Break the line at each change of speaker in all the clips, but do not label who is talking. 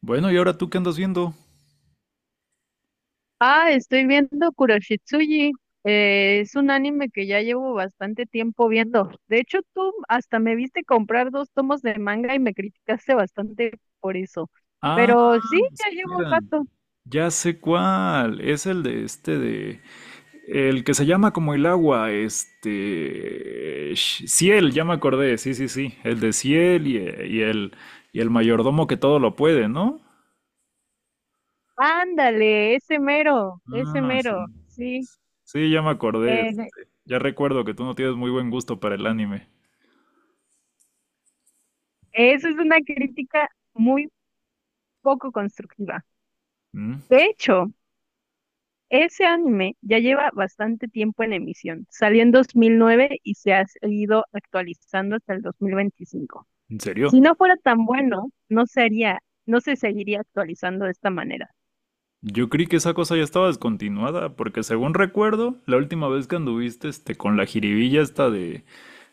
Bueno, ¿y ahora tú qué andas viendo?
Ah, estoy viendo Kuroshitsuji. Es un anime que ya llevo bastante tiempo viendo. De hecho, tú hasta me viste comprar dos tomos de manga y me criticaste bastante por eso.
Ah,
Pero sí, ya llevo un
espera.
rato.
Ya sé cuál. Es el de de. El que se llama como el agua. Ciel, ya me acordé. Sí, sí, sí. El de Ciel y el. Y el mayordomo que todo lo puede, ¿no?
Ándale, ese
Ah, sí.
mero, sí.
Sí, ya me acordé.
Eh,
Ya recuerdo que tú no tienes muy buen gusto para el anime.
eso es una crítica muy poco constructiva.
¿Mm?
De hecho, ese anime ya lleva bastante tiempo en emisión. Salió en 2009 y se ha ido actualizando hasta el 2025.
¿En serio?
Si no fuera tan bueno, no sería, no se seguiría actualizando de esta manera.
Yo creí que esa cosa ya estaba descontinuada, porque según recuerdo, la última vez que anduviste con la jiribilla esta de,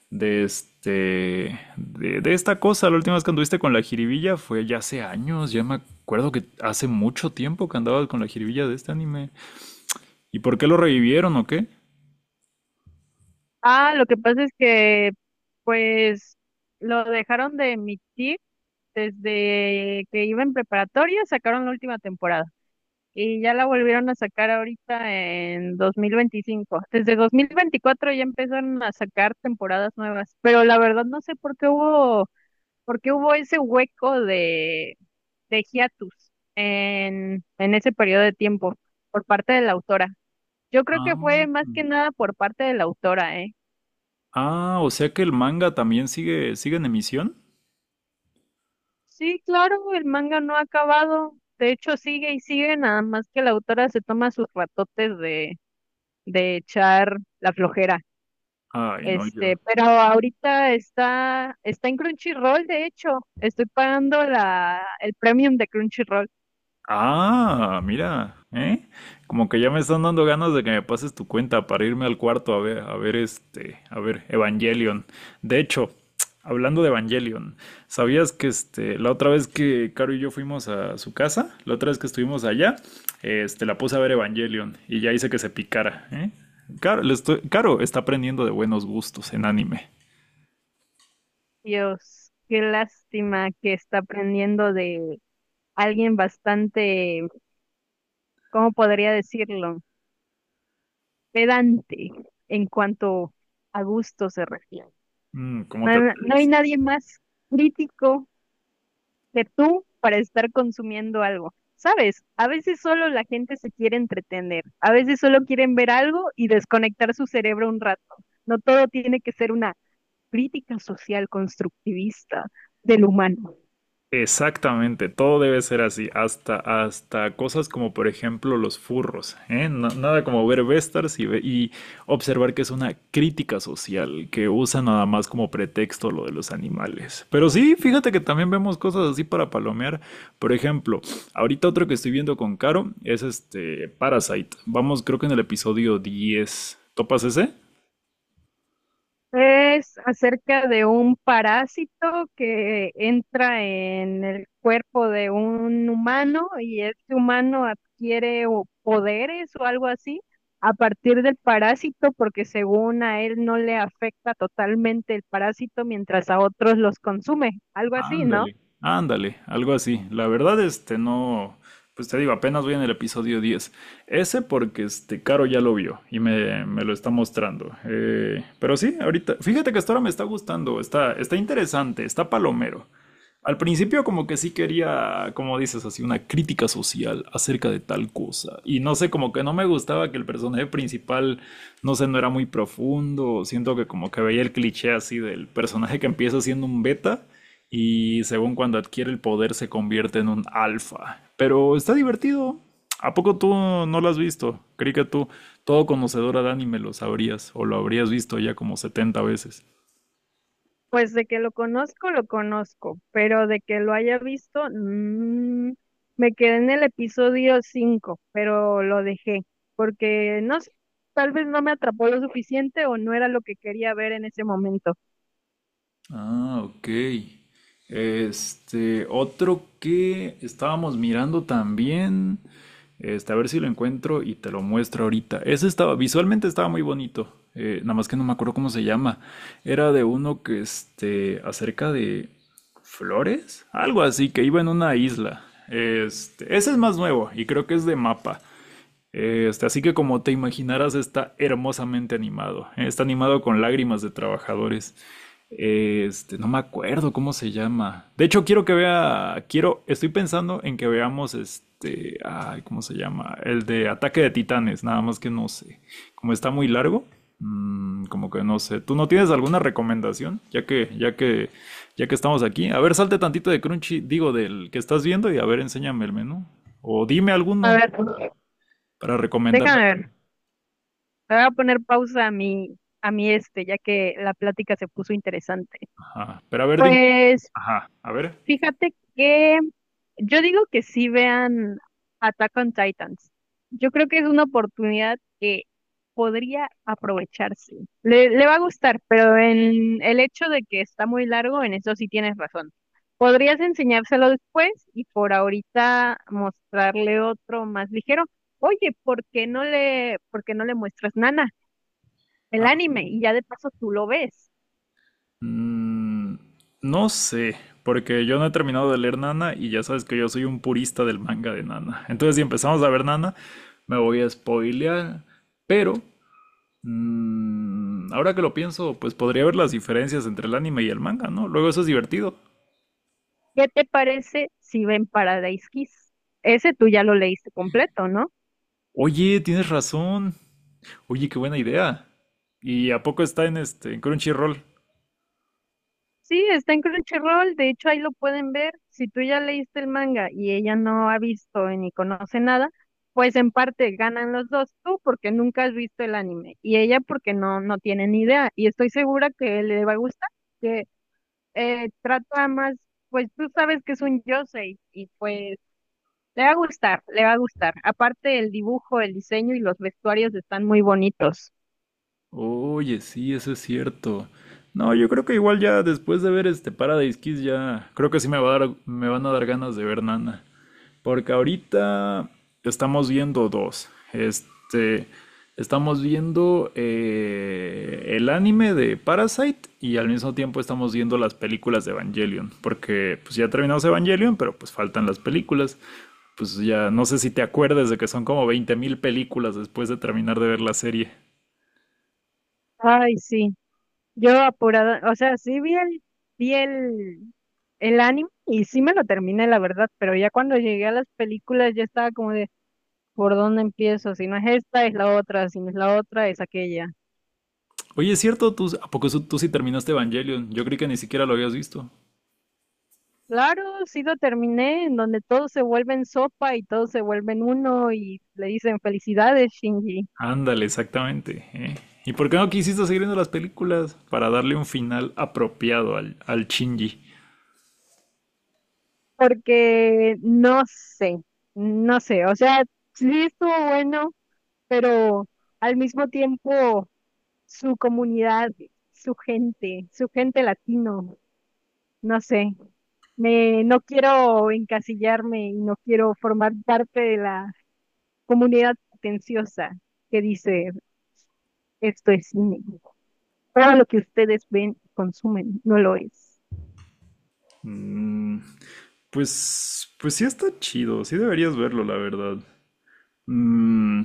de esta cosa, la última vez que anduviste con la jiribilla fue ya hace años, ya me acuerdo que hace mucho tiempo que andabas con la jiribilla de este anime. ¿Y por qué lo revivieron o qué?
Ah, lo que pasa es que, pues, lo dejaron de emitir desde que iba en preparatoria, sacaron la última temporada y ya la volvieron a sacar ahorita en 2025. Desde 2024 ya empezaron a sacar temporadas nuevas, pero la verdad no sé por qué hubo ese hueco de hiatus en ese periodo de tiempo por parte de la autora. Yo creo que
Ah,
fue más que nada por parte de la autora, ¿eh?
ah, o sea que el manga también sigue, sigue en emisión.
Sí, claro, el manga no ha acabado. De hecho, sigue y sigue, nada más que la autora se toma sus ratotes de echar la flojera.
Ay, no, yo.
Este, pero ahorita está, está en Crunchyroll, de hecho. Estoy pagando la, el premium de Crunchyroll.
Ah, mira, ¿eh? Como que ya me están dando ganas de que me pases tu cuenta para irme al cuarto a ver, a ver a ver Evangelion. De hecho, hablando de Evangelion, ¿sabías que la otra vez que Caro y yo fuimos a su casa, la otra vez que estuvimos allá, la puse a ver Evangelion y ya hice que se picara, ¿eh? Caro, Caro está aprendiendo de buenos gustos en anime.
Dios, qué lástima que está aprendiendo de alguien bastante, ¿cómo podría decirlo? Pedante en cuanto a gusto se refiere.
Mm,
No,
¿cómo te
no hay
atreves?
nadie más crítico que tú para estar consumiendo algo. Sabes, a veces solo la gente se quiere entretener, a veces solo quieren ver algo y desconectar su cerebro un rato. No todo tiene que ser una crítica social constructivista del humano.
Exactamente, todo debe ser así, hasta, hasta cosas como por ejemplo los furros, ¿eh? Nada como ver Vestars y observar que es una crítica social que usa nada más como pretexto lo de los animales. Pero sí, fíjate que también vemos cosas así para palomear. Por ejemplo, ahorita otro que estoy viendo con Caro es Parasite. Vamos, creo que en el episodio 10. ¿Topas ese?
Es acerca de un parásito que entra en el cuerpo de un humano y este humano adquiere o poderes o algo así a partir del parásito porque según a él no le afecta totalmente el parásito mientras a otros los consume, algo así, ¿no?
Ándale, ándale, algo así. La verdad, no, pues te digo, apenas voy en el episodio 10. Ese porque, Caro ya lo vio y me lo está mostrando. Pero sí, ahorita, fíjate que hasta ahora me está gustando, está, está interesante, está palomero. Al principio como que sí quería, como dices, así una crítica social acerca de tal cosa. Y no sé, como que no me gustaba que el personaje principal, no sé, no era muy profundo. Siento que como que veía el cliché así del personaje que empieza siendo un beta y según cuando adquiere el poder se convierte en un alfa. Pero está divertido. ¿A poco tú no lo has visto? Creí que tú, todo conocedora de anime, lo sabrías o lo habrías visto ya como 70 veces.
Pues de que lo conozco, pero de que lo haya visto, mm, me quedé en el episodio 5, pero lo dejé, porque no sé, tal vez no me atrapó lo suficiente o no era lo que quería ver en ese momento.
Ah, ok. Otro que estábamos mirando también. A ver si lo encuentro y te lo muestro ahorita. Ese estaba, visualmente estaba muy bonito. Nada más que no me acuerdo cómo se llama. Era de uno que, acerca de flores, algo así, que iba en una isla. Ese es más nuevo y creo que es de mapa. Así que como te imaginarás, está hermosamente animado. Está animado con lágrimas de trabajadores. No me acuerdo cómo se llama. De hecho, quiero que vea, quiero, estoy pensando en que veamos ay, ¿cómo se llama? El de Ataque de Titanes, nada más que no sé. Como está muy largo, como que no sé. ¿Tú no tienes alguna recomendación? Ya que estamos aquí. A ver, salte tantito de Crunchy, digo, del que estás viendo y a ver, enséñame el menú. O dime
A
alguno
ver,
para recomendarle.
déjame ver, le voy a poner pausa a mi este, ya que la plática se puso interesante.
Ajá. Pero a ver, dime.
Pues,
Ajá, a ver.
fíjate que yo digo que sí vean Attack on Titans. Yo creo que es una oportunidad que podría aprovecharse. Le va a gustar, pero en el hecho de que está muy largo, en eso sí tienes razón. Podrías enseñárselo después y por ahorita mostrarle otro más ligero. Oye, ¿por qué no le muestras Nana, el
Ajá.
anime? Y ya de paso tú lo ves.
Mm, no sé, porque yo no he terminado de leer Nana y ya sabes que yo soy un purista del manga de Nana. Entonces, si empezamos a ver Nana, me voy a spoilear. Pero, ahora que lo pienso, pues podría ver las diferencias entre el anime y el manga, ¿no? Luego eso es divertido.
¿Qué te parece si ven Paradise Kiss? Ese tú ya lo leíste completo, ¿no?
Oye, tienes razón. Oye, qué buena idea. ¿Y a poco está en en Crunchyroll?
Sí, está en Crunchyroll, de hecho ahí lo pueden ver. Si tú ya leíste el manga y ella no ha visto ni conoce nada, pues en parte ganan los dos, tú porque nunca has visto el anime y ella porque no, no tiene ni idea. Y estoy segura que le va a gustar, que trata más, pues tú sabes que es un yosei y pues le va a gustar, le va a gustar. Aparte el dibujo, el diseño y los vestuarios están muy bonitos.
Oye, sí, eso es cierto. No, yo creo que igual ya después de ver Paradise Kiss ya creo que sí me va a dar, me van a dar ganas de ver Nana, porque ahorita estamos viendo dos. Estamos viendo el anime de Parasite y al mismo tiempo estamos viendo las películas de Evangelion, porque pues ya terminamos Evangelion, pero pues faltan las películas. Pues ya no sé si te acuerdas de que son como 20.000 películas después de terminar de ver la serie.
Ay, sí. Yo apurada, o sea, sí vi el anime y sí me lo terminé, la verdad, pero ya cuando llegué a las películas ya estaba como de, ¿por dónde empiezo? Si no es esta, es la otra, si no es la otra, es aquella.
Oye, es cierto, tú, ¿a poco tú sí terminaste Evangelion? Yo creí que ni siquiera lo habías visto.
Claro, sí lo terminé, en donde todos se vuelven sopa y todos se vuelven uno y le dicen felicidades, Shinji.
Ándale, exactamente. ¿Eh? ¿Y por qué no quisiste seguir viendo las películas? Para darle un final apropiado al Shinji.
Porque no sé, no sé, o sea, sí estuvo bueno, pero al mismo tiempo su comunidad, su gente latino, no sé. Me, no quiero encasillarme y no quiero formar parte de la comunidad pretenciosa que dice esto es cine. Todo lo que ustedes ven y consumen no lo es.
Mm, pues, sí está chido, sí deberías verlo, la verdad. Mm,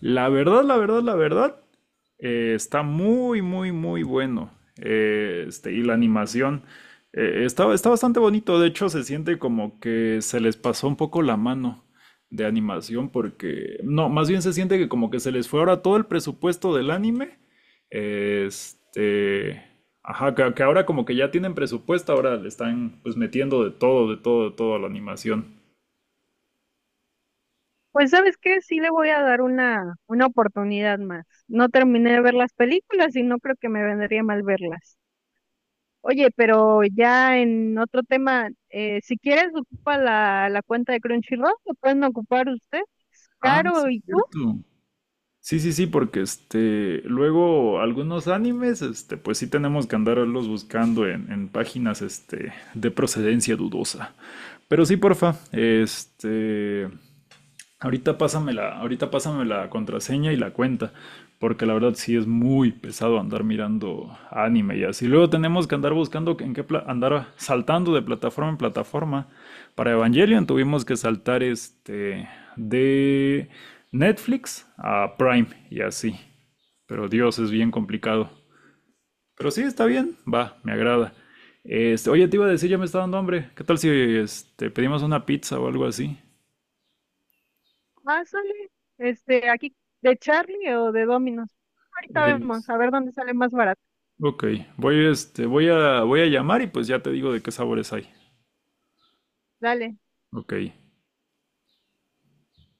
la verdad, la verdad, la verdad, está muy, muy, muy bueno. Y la animación está, está bastante bonito. De hecho, se siente como que se les pasó un poco la mano de animación porque, no, más bien se siente que como que se les fue ahora todo el presupuesto del anime. Este, ajá, que ahora como que ya tienen presupuesto, ahora le están pues metiendo de todo, de todo, de todo a la animación.
Pues ¿sabes qué? Sí le voy a dar una oportunidad más. No terminé de ver las películas y no creo que me vendría mal verlas. Oye, pero ya en otro tema, si quieres ocupa la, la cuenta de Crunchyroll, lo pueden ocupar ustedes,
Ah, sí,
Caro
es
y tú,
cierto. Sí, sí, sí, porque luego algunos animes, pues sí tenemos que andarlos buscando en páginas, de procedencia dudosa. Pero sí, porfa. Ahorita pásame la contraseña y la cuenta, porque la verdad sí es muy pesado andar mirando anime y así. Luego tenemos que andar buscando en qué andar saltando de plataforma en plataforma. Para Evangelion tuvimos que saltar de Netflix a Prime y así. Pero Dios, es bien complicado. Pero sí, está bien, va, me agrada. Oye, te iba a decir, ya me está dando hambre. ¿Qué tal si pedimos una pizza o algo así?
pásale, este, aquí de Charlie o de Dominos. Ahorita
Eh,
vemos, a ver dónde sale más barato.
Ok, voy, voy a llamar y pues ya te digo de qué sabores hay.
Dale.
Ok,